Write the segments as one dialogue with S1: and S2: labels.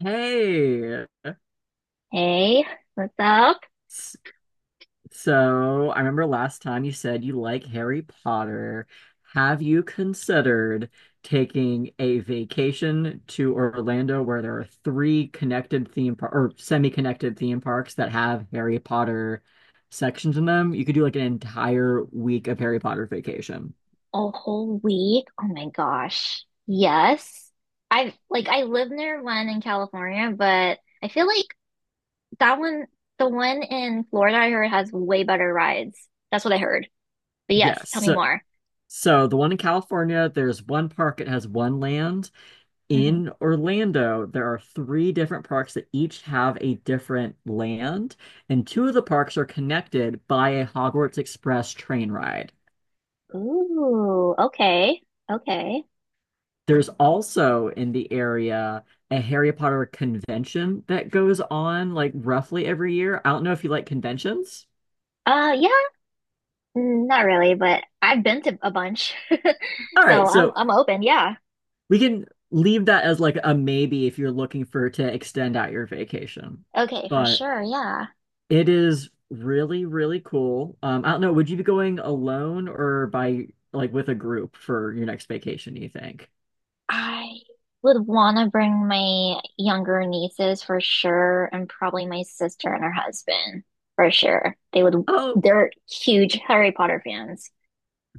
S1: Hey,
S2: Hey, what's up?
S1: S- so I remember last time you said you like Harry Potter. Have you considered taking a vacation to Orlando where there are three connected theme par or semi-connected theme parks that have Harry Potter sections in them? You could do like an entire week of Harry Potter vacation.
S2: A whole week? Oh my gosh. Yes. I live near one in California, but I feel like that one, the one in Florida I heard has way better rides. That's what I heard. But yes,
S1: Yes.
S2: tell me
S1: So,
S2: more.
S1: so the one in California, there's one park, it has one land.
S2: Hmm.
S1: In Orlando, there are three different parks that each have a different land, and two of the parks are connected by a Hogwarts Express train ride.
S2: Ooh, okay. Okay.
S1: There's also in the area a Harry Potter convention that goes on like roughly every year. I don't know if you like conventions.
S2: Yeah, mm, not really, but I've been to a bunch.
S1: All
S2: So
S1: right,
S2: I'm
S1: so
S2: I'm open, yeah.
S1: we can leave that as like a maybe if you're looking for to extend out your vacation.
S2: Okay, for
S1: But
S2: sure, yeah.
S1: it is really, really cool. I don't know, would you be going alone or by like with a group for your next vacation, do you think?
S2: I would want to bring my younger nieces for sure, and probably my sister and her husband for sure.
S1: Oh,
S2: They're huge Harry Potter fans.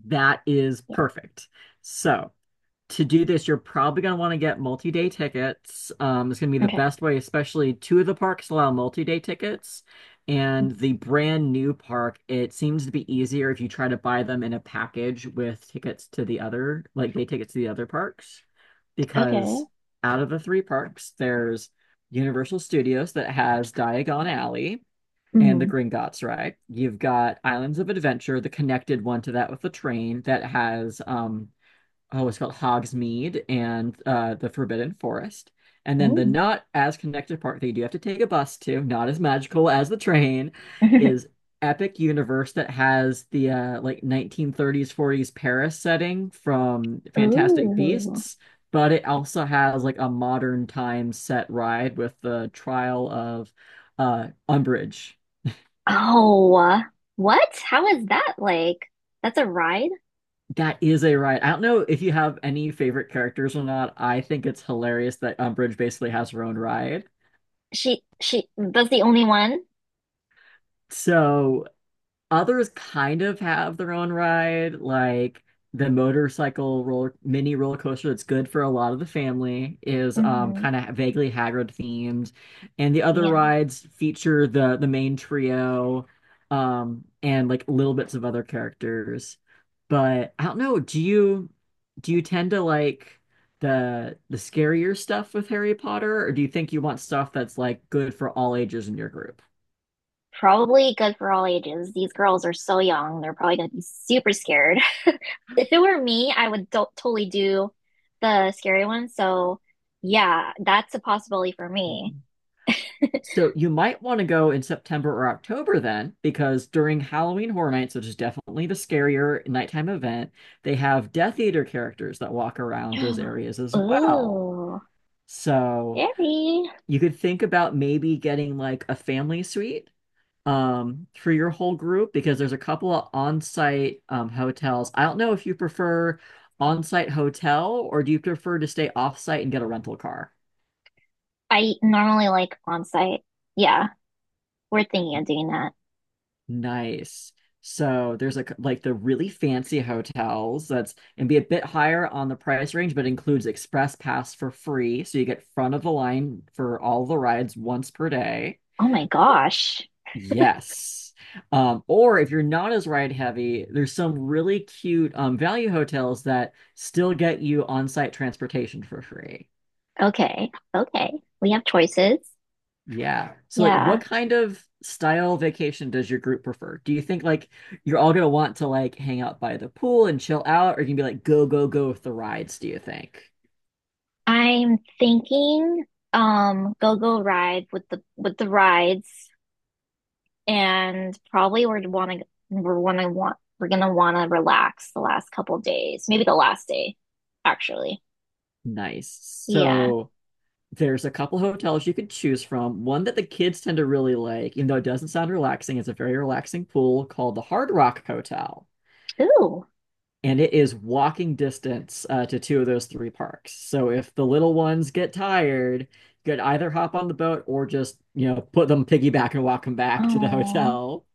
S1: that is
S2: Yeah.
S1: perfect. So, to do this, you're probably going to want to get multi-day tickets. It's going to be the
S2: Okay.
S1: best way, especially two of the parks allow multi-day tickets. And the brand new park, it seems to be easier if you try to buy them in a package with tickets to the other, like day tickets to the other parks,
S2: Okay.
S1: because out of the three parks, there's Universal Studios that has Diagon Alley and the
S2: Mm.
S1: Gringotts ride. You've got Islands of Adventure, the connected one to that with the train that has oh, it's called Hogsmeade and the Forbidden Forest. And then the
S2: Ooh.
S1: not as connected part that you do have to take a bus to, not as magical as the train, is Epic Universe that has the like 1930s, 40s Paris setting from Fantastic
S2: Ooh.
S1: Beasts, but it also has like a modern time set ride with the trial of Umbridge.
S2: Oh, what? How is that like? That's a ride?
S1: That is a ride. I don't know if you have any favorite characters or not. I think it's hilarious that Umbridge basically has her own ride.
S2: She, that's the only one?
S1: So others kind of have their own ride, like the motorcycle roller mini roller coaster that's good for a lot of the family is
S2: Hmm.
S1: kind of vaguely Hagrid themed, and the other
S2: Yeah.
S1: rides feature the main trio, and like little bits of other characters. But I don't know, do you tend to like the scarier stuff with Harry Potter, or do you think you want stuff that's like good for all ages in your group?
S2: Probably good for all ages. These girls are so young. They're probably going to be super scared. If it were me, I would do totally do the scary one. So yeah, that's a possibility for me.
S1: So you might want to go in September or October then, because during Halloween Horror Nights, which is definitely the scarier nighttime event, they have Death Eater characters that walk around those areas as well.
S2: Ooh,
S1: So
S2: scary.
S1: you could think about maybe getting like a family suite for your whole group because there's a couple of on-site hotels. I don't know if you prefer on-site hotel or do you prefer to stay off-site and get a rental car?
S2: I normally like on site. Yeah, we're thinking of doing that.
S1: Nice. So there's like the really fancy hotels that's and be a bit higher on the price range, but includes express pass for free. So you get front of the line for all the rides once per day.
S2: Oh my gosh.
S1: Yes. Or if you're not as ride heavy, there's some really cute value hotels that still get you on-site transportation for free.
S2: Okay, okay. We have choices.
S1: Yeah. So like
S2: Yeah.
S1: what kind of style vacation does your group prefer? Do you think like you're all gonna want to like hang out by the pool and chill out, or you can be like go, go, go with the rides, do you think?
S2: I'm thinking go-go ride with the rides. And probably we're gonna wanna relax the last couple days, maybe the last day, actually.
S1: Nice.
S2: Yeah.
S1: So there's a couple hotels you could choose from. One that the kids tend to really like, even though it doesn't sound relaxing, it's a very relaxing pool called the Hard Rock Hotel.
S2: Ooh.
S1: And it is walking distance to two of those three parks. So if the little ones get tired, you could either hop on the boat or just, put them piggyback and walk them back to the
S2: Oh,
S1: hotel.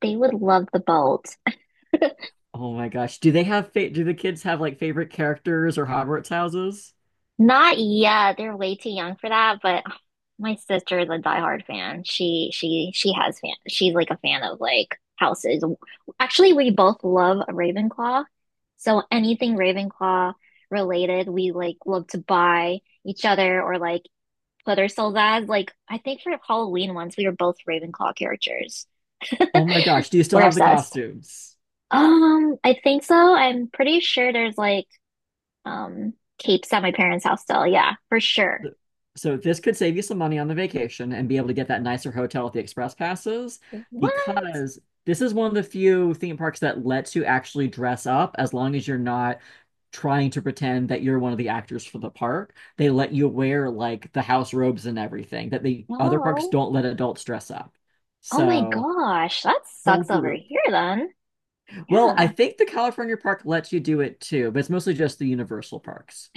S2: they would love the boat.
S1: Oh my gosh. Do the kids have like favorite characters or Hogwarts houses?
S2: Not yet. They're way too young for that, but oh, my sister is a diehard fan. She has fan. She's like a fan of like houses. Actually, we both love Ravenclaw. So anything Ravenclaw related, we love to buy each other or like put ourselves as. Like, I think for Halloween once, we were both Ravenclaw characters.
S1: Oh my gosh. Do you still
S2: We're
S1: have the
S2: obsessed.
S1: costumes?
S2: I think so. I'm pretty sure there's like um capes at my parents' house still. Yeah, for sure.
S1: So this could save you some money on the vacation and be able to get that nicer hotel with the express passes
S2: What?
S1: because this is one of the few theme parks that lets you actually dress up as long as you're not trying to pretend that you're one of the actors for the park. They let you wear like the house robes and everything that the other parks
S2: No.
S1: don't let adults dress up.
S2: Oh my
S1: So
S2: gosh, that
S1: whole
S2: sucks over
S1: group.
S2: here then.
S1: Well, I
S2: Yeah.
S1: think the California park lets you do it too, but it's mostly just the Universal parks.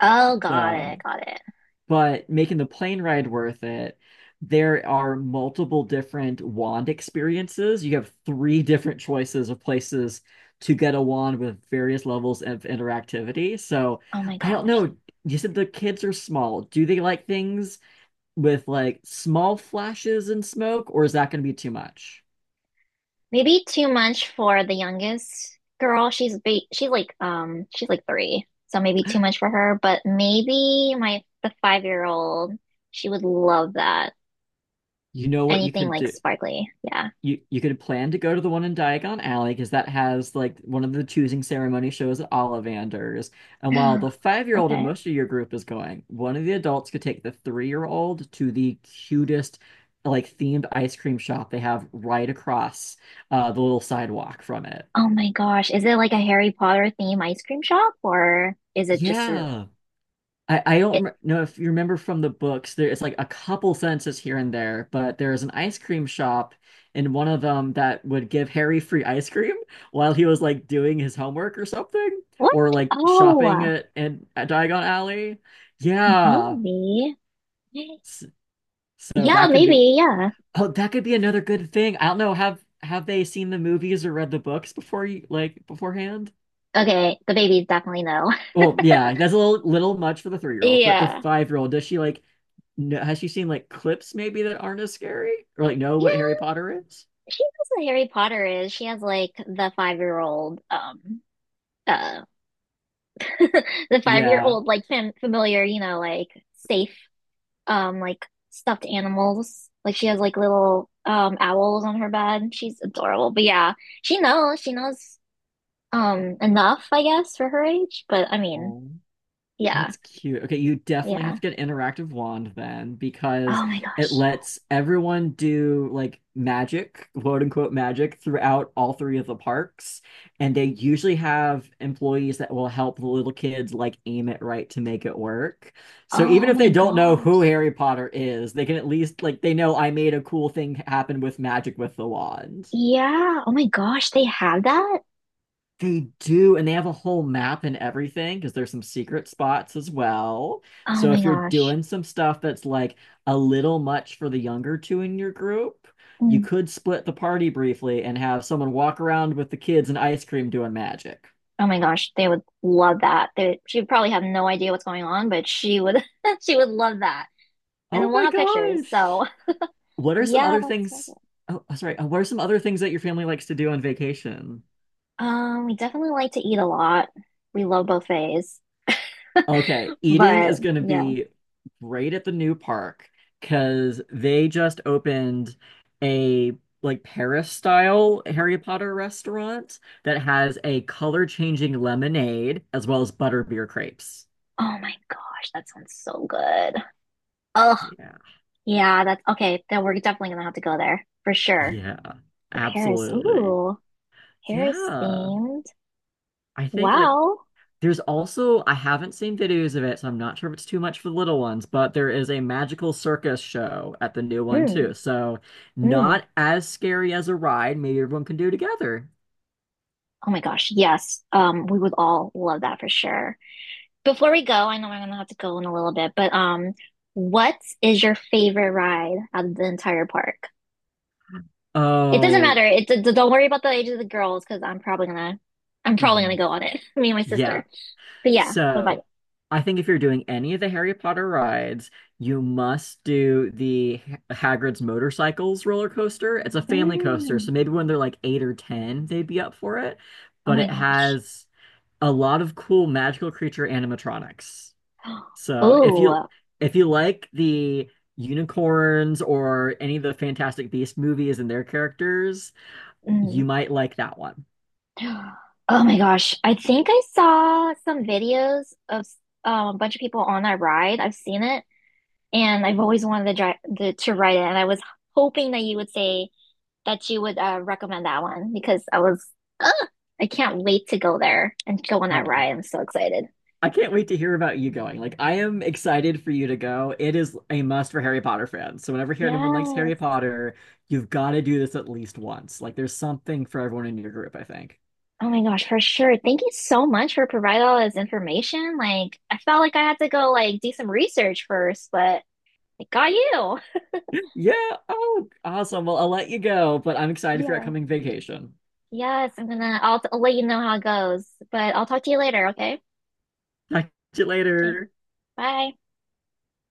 S2: Oh, got
S1: So.
S2: it, got it.
S1: But making the plane ride worth it, there are multiple different wand experiences. You have three different choices of places to get a wand with various levels of interactivity. So
S2: Oh my
S1: I don't
S2: gosh.
S1: know. You said the kids are small. Do they like things with like small flashes and smoke, or is that going to be too much?
S2: Maybe too much for the youngest girl. She's like three, so maybe too much for her. But maybe my the 5-year-old old, she would love that.
S1: You know what you
S2: Anything
S1: could
S2: like
S1: do.
S2: sparkly, yeah.
S1: You could plan to go to the one in Diagon Alley because that has like one of the choosing ceremony shows at Ollivander's. And while the 5-year-old in
S2: Okay.
S1: most of your group is going, one of the adults could take the 3-year-old to the cutest like themed ice cream shop they have right across the little sidewalk from it.
S2: Oh my gosh, is it like a Harry Potter theme ice cream shop or is it just a,
S1: Yeah. I
S2: it,
S1: don't know if you remember from the books, there it's like a couple sentences here and there, but there is an ice cream shop in one of them that would give Harry free ice cream while he was like doing his homework or something,
S2: what?
S1: or like shopping
S2: Oh,
S1: at, in, at Diagon Alley. Yeah.
S2: maybe.
S1: S- So that could be
S2: Yeah.
S1: oh, that could be another good thing. I don't know, have they seen the movies or read the books before you like beforehand?
S2: Okay, the babies definitely know.
S1: Well, yeah, that's a little much for the three year old, but the
S2: Yeah.
S1: 5-year-old, does she like know, has she seen like clips maybe that aren't as scary or like know
S2: Yeah,
S1: what Harry Potter is?
S2: she knows what Harry Potter is. She has like the 5-year-old old, uh, the 5-year-old
S1: Yeah.
S2: old like familiar, you know, like safe, like stuffed animals. Like she has like little owls on her bed. She's adorable. But yeah, she knows. She knows enough, I guess, for her age. But I mean,
S1: Oh.
S2: yeah,
S1: That's cute. Okay, you definitely have
S2: yeah.
S1: to get an interactive wand then because
S2: Oh my
S1: it
S2: gosh.
S1: lets everyone do like magic, quote unquote magic, throughout all three of the parks. And they usually have employees that will help the little kids like aim it right to make it work. So even
S2: Oh
S1: if they
S2: my
S1: don't know who
S2: gosh.
S1: Harry Potter is, they can at least like they know I made a cool thing happen with magic with the wand.
S2: Yeah. Oh my gosh. They have that.
S1: They do, and they have a whole map and everything because there's some secret spots as well.
S2: Oh
S1: So
S2: my
S1: if you're
S2: gosh.
S1: doing some stuff that's like a little much for the younger two in your group, you
S2: Hmm.
S1: could split the party briefly and have someone walk around with the kids and ice cream doing magic.
S2: Oh my gosh, they would love that. They, she would probably have no idea what's going on, but she would she would love that. And then
S1: Oh
S2: we'll
S1: my
S2: have pictures.
S1: gosh.
S2: So
S1: What are some
S2: yeah,
S1: other
S2: that's so
S1: things?
S2: good.
S1: Oh, sorry. What are some other things that your family likes to do on vacation?
S2: We definitely like to eat a lot. We love buffets.
S1: Okay, eating
S2: But
S1: is going to
S2: yeah.
S1: be great at the new park because they just opened a like Paris style Harry Potter restaurant that has a color changing lemonade as well as butterbeer crepes.
S2: Oh my gosh, that sounds so good. Oh
S1: Yeah.
S2: yeah, that's okay. Then we're definitely gonna have to go there for sure.
S1: Yeah.
S2: The Paris.
S1: Absolutely.
S2: Ooh, Paris
S1: Yeah.
S2: themed.
S1: I think like
S2: Wow.
S1: there's also, I haven't seen videos of it, so I'm not sure if it's too much for the little ones, but there is a magical circus show at the new one too.
S2: Mm,
S1: So
S2: mm.
S1: not as scary as a ride. Maybe everyone can do it together.
S2: Oh my gosh, yes. We would all love that for sure. Before we go, I know I'm gonna have to go in a little bit, but what is your favorite ride out of the entire park? It doesn't
S1: Oh,
S2: matter. Don't worry about the age of the girls because I'm probably
S1: hmm.
S2: gonna go on it. Me and my
S1: Yeah.
S2: sister. But yeah, what about
S1: So I think if you're doing any of the Harry Potter rides, you must do the Hagrid's Motorcycles roller coaster. It's a
S2: you?
S1: family coaster,
S2: Mm.
S1: so maybe when they're like eight or ten, they'd be up for it.
S2: Oh
S1: But
S2: my
S1: it
S2: gosh.
S1: has a lot of cool magical creature animatronics. So
S2: Oh.
S1: if you like the unicorns or any of the Fantastic Beast movies and their characters, you
S2: Mm.
S1: might like that one.
S2: Oh my gosh. I think I saw some videos of a bunch of people on that ride. I've seen it, and I've always wanted to ride it, and I was hoping that you would say that you would recommend that one because ugh, I can't wait to go there and go on that
S1: Oh,
S2: ride. I'm so excited.
S1: I can't wait to hear about you going. Like, I am excited for you to go. It is a must for Harry Potter fans. So whenever anyone likes Harry
S2: Yes.
S1: Potter, you've got to do this at least once. Like, there's something for everyone in your group, I think.
S2: Oh my gosh, for sure. Thank you so much for providing all this information. Like, I felt like I had to go like do some research first, but I got you.
S1: Yeah. Oh, awesome. Well, I'll let you go, but I'm excited for your
S2: Yeah.
S1: upcoming vacation.
S2: Yes, I'll let you know how it goes, but I'll talk to you later, okay?
S1: Talk to you
S2: Okay,
S1: later.
S2: bye.